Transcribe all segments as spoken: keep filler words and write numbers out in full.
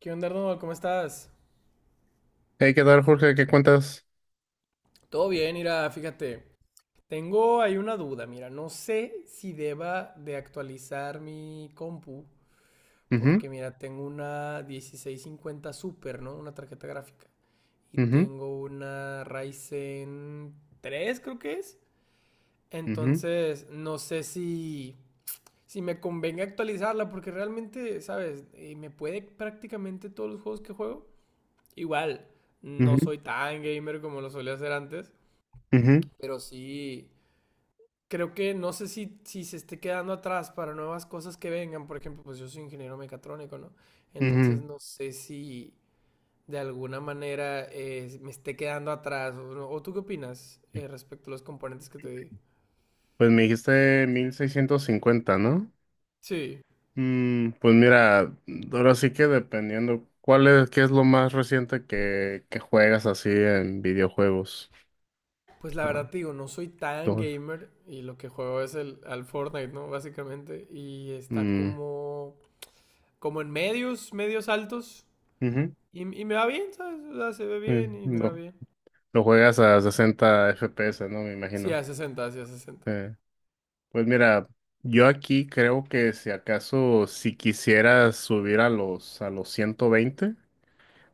¿Qué onda, Arnold? ¿Cómo estás? Hey, ¿qué tal, Jorge? ¿Qué cuentas? Todo bien, mira, fíjate. Tengo ahí una duda, mira, no sé si deba de actualizar mi compu, Ujú, porque mira, tengo una dieciséis cincuenta Super, ¿no? Una tarjeta gráfica. Y ujú, tengo una Ryzen tres, creo que es. ujú, Entonces, no sé si, si me convenga actualizarla, porque realmente, ¿sabes? Eh, me puede prácticamente todos los juegos que juego. Igual, no ujú, soy tan gamer como lo solía hacer antes. ujú, Pero sí, creo que no sé si, si se esté quedando atrás para nuevas cosas que vengan. Por ejemplo, pues yo soy ingeniero mecatrónico, ¿no? Entonces ujú. no sé si de alguna manera eh, me esté quedando atrás. ¿O, no? ¿O tú qué opinas eh, respecto a los componentes que te di? Pues me dijiste mil seiscientos cincuenta, ¿no? Sí, Mm, pues mira, ahora sí que dependiendo, ¿cuál es, qué es lo más reciente que, que juegas así en videojuegos? pues la Ah, verdad te digo, no soy tan tú- gamer y lo que juego es el, al Fortnite, ¿no? Básicamente. Y está mm, como, como en medios, medios altos. ujú, Y, y me va bien, ¿sabes? O sea, se ve mm, bien y me va lo, bien. lo juegas a sesenta F P S, ¿no? Me Sí, imagino. a sesenta sí, a sesenta. Eh, pues mira, yo aquí creo que si acaso si quisieras subir a los a los ciento veinte.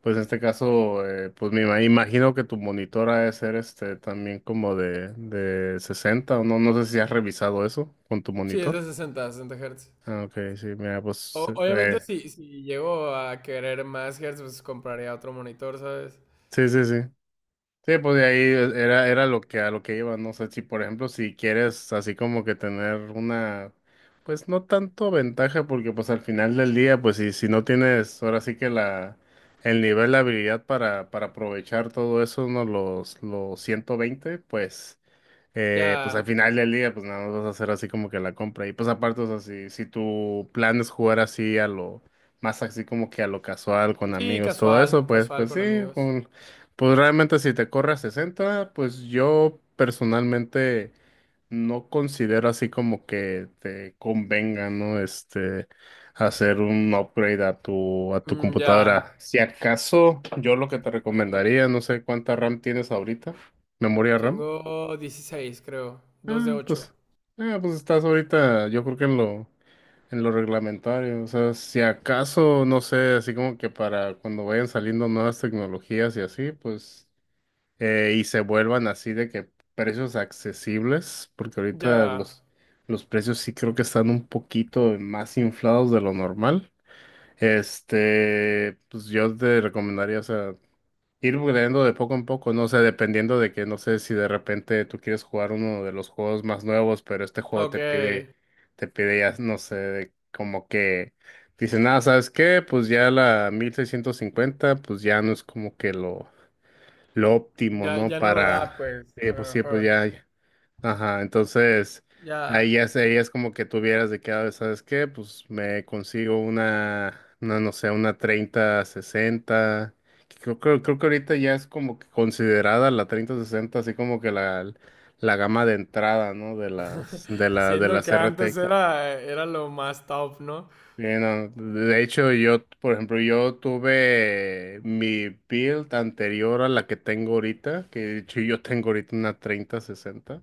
Pues en este caso, eh, pues me ima- imagino que tu monitor ha de ser este también como de, de sesenta, o no, no sé si has revisado eso con tu Sí, es monitor. de sesenta, sesenta Hz. Ah, ok, sí, mira, pues O- obviamente, eh, si, si llego a querer más Hz, pues compraría otro monitor, ¿sabes? sí, sí, sí. Sí, pues de ahí eh, era, era lo que a lo que iba, no sé si por ejemplo si quieres así como que tener una, pues no tanto ventaja, porque pues al final del día pues si, si no tienes ahora sí que la, el nivel de habilidad para, para aprovechar todo eso, ¿no? Los, los ciento veinte, pues eh, pues al Ya. final del día, pues nada más vas a hacer así como que la compra. Y pues aparte, o sea, si, si tu plan es jugar así a lo, más así como que a lo casual, con Sí, amigos, todo casual, eso, pues, casual pues sí, con amigos. con- pues realmente si te corre a sesenta, pues yo personalmente no considero así como que te convenga, ¿no? Este, hacer un upgrade a tu, a tu Mm, ya. computadora. Si acaso, yo lo que te recomendaría, no sé cuánta RAM tienes ahorita, memoria RAM. Tengo dieciséis, creo. Dos de Ah, ocho. pues, ah, pues estás ahorita, yo creo que en lo, en lo reglamentario, o sea, si acaso, no sé, así como que para cuando vayan saliendo nuevas tecnologías y así, pues, eh, y se vuelvan así de que precios accesibles, porque ahorita Ya. los, los precios sí creo que están un poquito más inflados de lo normal. Este, pues yo te recomendaría, o sea, ir upgradeando de poco en poco, no sé, dependiendo de que, no sé si de repente tú quieres jugar uno de los juegos más nuevos, pero este juego te pide, Ok. te pide ya, no sé, de- como que dice nada, ¿sabes qué? Pues ya la mil seiscientos cincuenta pues ya no es como que lo, lo óptimo, Ya, ¿no? ya no lo Para, da, pues, eh, a pues lo sí, pues mejor. ya. Ajá, entonces ahí Ya. ya es, ahí es como que tuvieras de cada vez, ¿sabes qué? Pues me consigo una, una, no sé, una treinta sesenta, que Creo, creo, creo que ahorita ya es como que considerada la treinta sesenta así como que la, la gama de entrada, ¿no? De las, de la, de Siendo las que antes R T X. era, era lo más top, ¿no? Bien, no, de hecho, yo, por ejemplo, yo tuve mi build anterior a la que tengo ahorita, que de hecho yo tengo ahorita una treinta sesenta.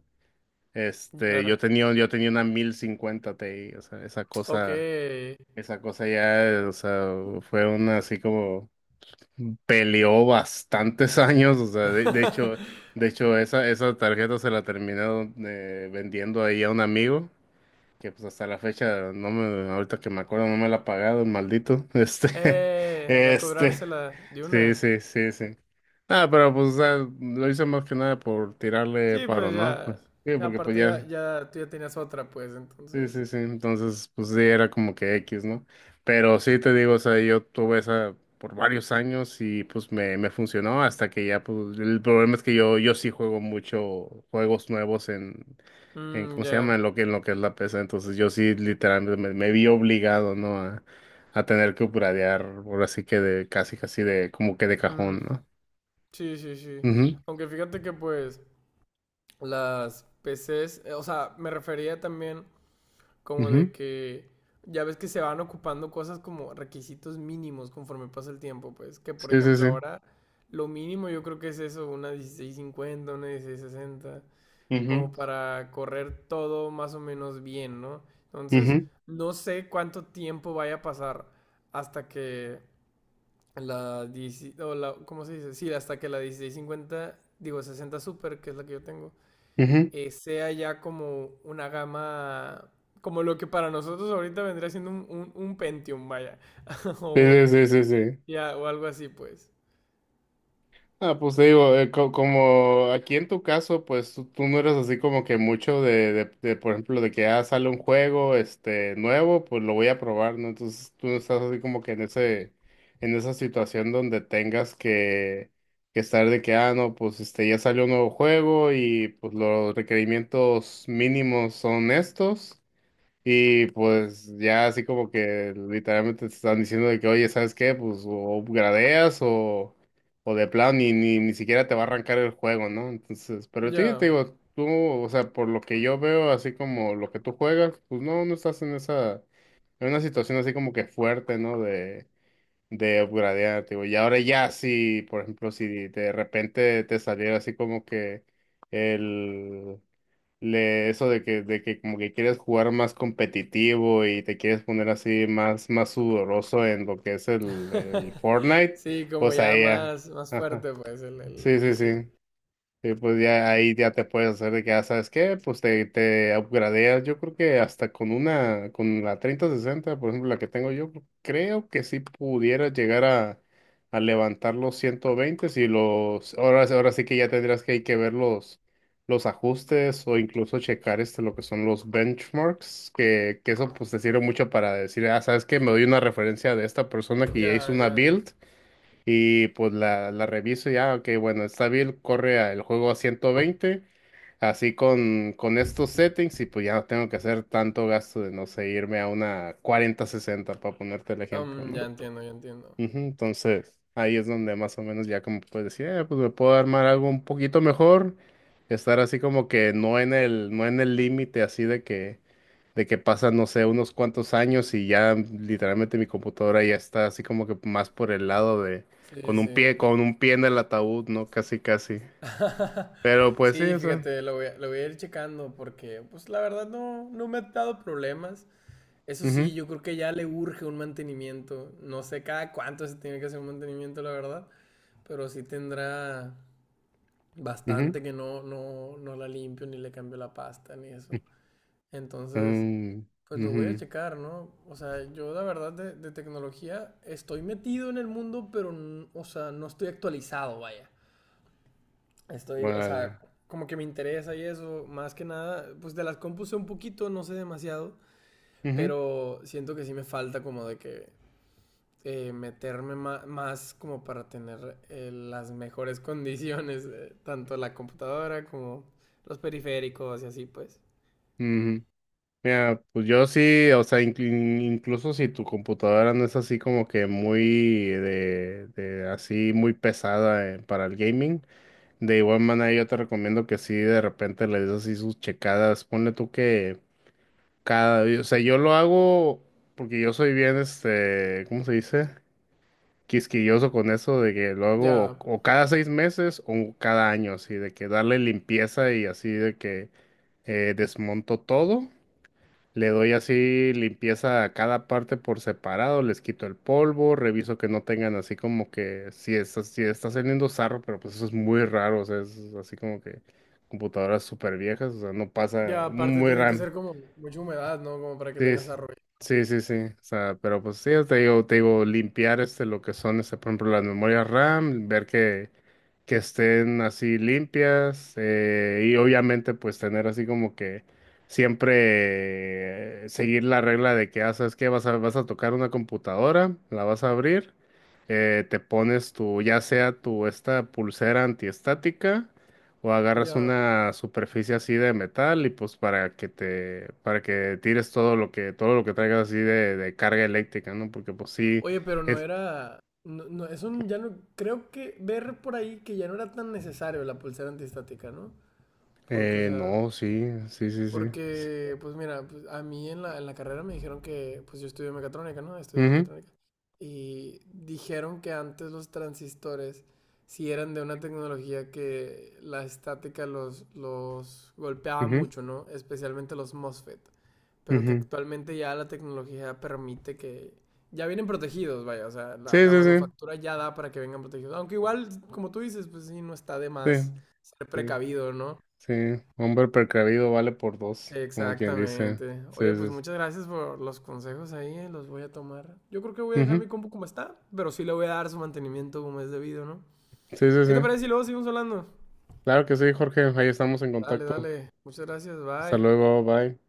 este, Ya. yo tenía, yo tenía una mil cincuenta Ti, o sea, esa Ok. cosa, esa cosa ya, o sea, fue una así como peleó bastantes años, o sea, de, de hecho, de hecho, esa, esa tarjeta se la terminé eh, vendiendo ahí a un amigo, que pues hasta la fecha, no me, ahorita que me acuerdo, no me la ha pagado, el maldito, este, eh, voy a este, cobrársela de sí, una. sí, sí, sí. Ah, pero pues o sea, lo hice más que nada por tirarle Sí, paro, pues ¿no? Pues, ya. sí, Ya, porque pues aparte ya, ya. ya tú ya tenías otra, pues, Sí, entonces. sí, sí. Entonces, pues sí, era como que X, ¿no? Pero sí te digo, o sea, yo tuve esa por varios años y pues me, me funcionó hasta que ya, pues, el problema es que yo, yo sí juego mucho juegos nuevos en, en, Mm, ¿cómo se ya. llama? En lo que, en lo que es la P C. Entonces yo sí literalmente me, me vi obligado, ¿no? A, a tener que upgradear, ahora sí que de casi, casi de, como que de cajón, Mm, ¿no? sí, sí, sí. Ujú, Aunque fíjate que pues las P Cs, eh, o sea, me refería también como de ujú. que ya ves que se van ocupando cosas como requisitos mínimos conforme pasa el tiempo, pues, que por Sí, sí, ejemplo sí. ahora lo mínimo yo creo que es eso, una dieciséis cincuenta, una dieciséis sesenta. Como Ujú, para correr todo más o menos bien, ¿no? Entonces, ujú, no sé cuánto tiempo vaya a pasar hasta que la dieciséis o la- ¿cómo se dice? Sí, hasta que la dieciséis cincuenta, digo sesenta Super, que es la que yo tengo, ujú. eh, sea ya como una gama, como lo que para nosotros ahorita vendría siendo un, un- un Pentium, vaya, o Sí, un, sí, sí, sí, sí. ya, o algo así, pues. Ah, pues te digo, eh, co- como aquí en tu caso, pues tú, tú no eres así como que mucho de, de, de, por ejemplo, de que ah sale un juego este nuevo, pues lo voy a probar, ¿no? Entonces tú no estás así como que en ese, en esa situación donde tengas que, que estar de que, ah, no, pues este ya salió un nuevo juego y pues los requerimientos mínimos son estos. Y pues ya así como que literalmente te están diciendo de que, oye, ¿sabes qué? Pues o gradeas o, o de plano ni, ni, ni siquiera te va a arrancar el juego, ¿no? Entonces, pero sí, te Ya. digo, tú, o sea, por lo que yo veo, así como lo que tú juegas, pues no, no estás en esa, en una situación así como que fuerte, ¿no? De, de upgradear, te digo, y ahora ya sí, por ejemplo, si de repente te saliera así como que el le, eso de que, de que como que quieres jugar más competitivo y te quieres poner así más, más sudoroso en lo que es el, el Fortnite, Sí, como pues a ya ella. más, más Ajá. fuerte, pues, el, el Sí, sí, vicio. sí. Sí, pues ya ahí ya te puedes hacer de que, ah, ¿sabes qué? Pues te, te upgradeas. Yo creo que hasta con una, con la treinta sesenta, por ejemplo, la que tengo yo, creo que sí pudiera llegar a, a levantar los ciento veinte si los, ahora, ahora sí que ya tendrás que, hay que ver los, los ajustes o incluso checar este, lo que son los benchmarks, que, que eso pues te sirve mucho para decir, ah, ¿sabes qué? Me doy una referencia de esta persona que ya hizo Ya, una ya. build. Y pues la, la reviso y ya, ok, bueno, está bien, corre a- el juego a ciento veinte así con, con estos settings y pues ya no tengo que hacer tanto gasto de, no sé, irme a una cuarenta sesenta para ponerte el ejemplo, Am, ¿no? ya entiendo, ya entiendo. Ujú, entonces, ahí es donde más o menos ya como puedes decir, "Eh, pues me puedo armar algo un poquito mejor, estar así como que no en el, no en el límite así de que de que pasan, no sé, unos cuantos años y ya literalmente mi computadora ya está así como que más por el lado de, Sí, con un sí. pie, con un pie en el ataúd, ¿no? Casi, casi. Pero pues sí, Sí, eso. fíjate, lo voy a, lo voy a ir checando porque, pues la verdad no, no me ha dado problemas. Eso sí, Mhm. yo creo que ya le urge un mantenimiento. No sé cada cuánto se tiene que hacer un mantenimiento, la verdad, pero sí tendrá Mhm. bastante que no, no, no la limpio ni le cambio la pasta ni eso. Entonces, Mm, pues lo voy a ujú, checar, ¿no? O sea, yo la verdad de, de tecnología estoy metido en el mundo, pero, n- o sea, no estoy actualizado, vaya. Estoy, o vale. sea, como que me interesa y eso, más que nada, pues de las compus sé un poquito, no sé demasiado, Ujú, pero siento que sí me falta como de que eh, meterme ma- más como para tener eh, las mejores condiciones, eh, tanto la computadora como los periféricos y así pues. ujú. Mira, pues yo sí, o sea, inclu- incluso si tu computadora no es así como que muy de, de así muy pesada eh, para el gaming, de igual manera, yo te recomiendo que si de repente le des así sus checadas. Ponle tú que cada, o sea, yo lo hago porque yo soy bien, este, ¿cómo se dice? Quisquilloso con eso de que lo hago Ya, o, o cada seis meses o cada año, así de que darle limpieza y así de que eh, desmonto todo, le doy así limpieza a cada parte por separado, les quito el polvo, reviso que no tengan así como que si está, si está saliendo sarro, pero pues eso es muy raro, o sea, es así como que computadoras súper viejas, o sea, no pasa ya, aparte muy tiene que raro. ser como mucha humedad, ¿no? Como para que Sí, tengas arroyo. sí, sí, sí. Sí. O sea, pero pues sí, te digo, te digo, limpiar este lo que son, este, por ejemplo, las memorias RAM, ver que, que estén así limpias, eh, y obviamente, pues tener así como que siempre eh, seguir la regla de que ah, sabes que vas a, vas a tocar una computadora, la vas a abrir, eh, te pones tu, ya sea tu esta pulsera antiestática. O agarras Ya. una superficie así de metal y pues para que te, para que tires todo lo que, todo lo que traigas así de, de carga eléctrica, ¿no? Porque pues sí, Oye, pero no es, era... No, no, eso ya no... Creo que ver por ahí que ya no era tan necesario la pulsera antiestática, ¿no? Porque, o eh, sea, no, sí, sí, sí, sí. porque, pues mira, pues, a mí en la, en la carrera me dijeron que, pues yo estudié mecatrónica, ¿no? Estudié Ujú, mecatrónica. Y dijeron que antes los transistores, si eran de una tecnología que la estática los, los golpeaba ujú, mucho, ¿no? Especialmente los MOSFET. Pero que ujú. actualmente ya la tecnología permite que... Ya vienen protegidos, vaya, o sea, Sí, la, la sí, sí, manufactura ya da para que vengan protegidos. Aunque igual, como tú dices, pues sí, no está de más sí, ser sí, precavido, ¿no? sí. Hombre precavido vale por dos, como quien dice. Exactamente. Sí, Oye, pues sí, sí. muchas gracias por los consejos ahí, eh, Los voy a tomar. Yo creo que voy a dejar mi Ujú. compu como está, pero sí le voy a dar su mantenimiento como es debido, ¿no? Sí, sí, ¿Qué te sí. parece si luego seguimos hablando? Claro que sí, Jorge. Ahí estamos en Dale, contacto. dale. Muchas gracias, Hasta bye. luego, bye.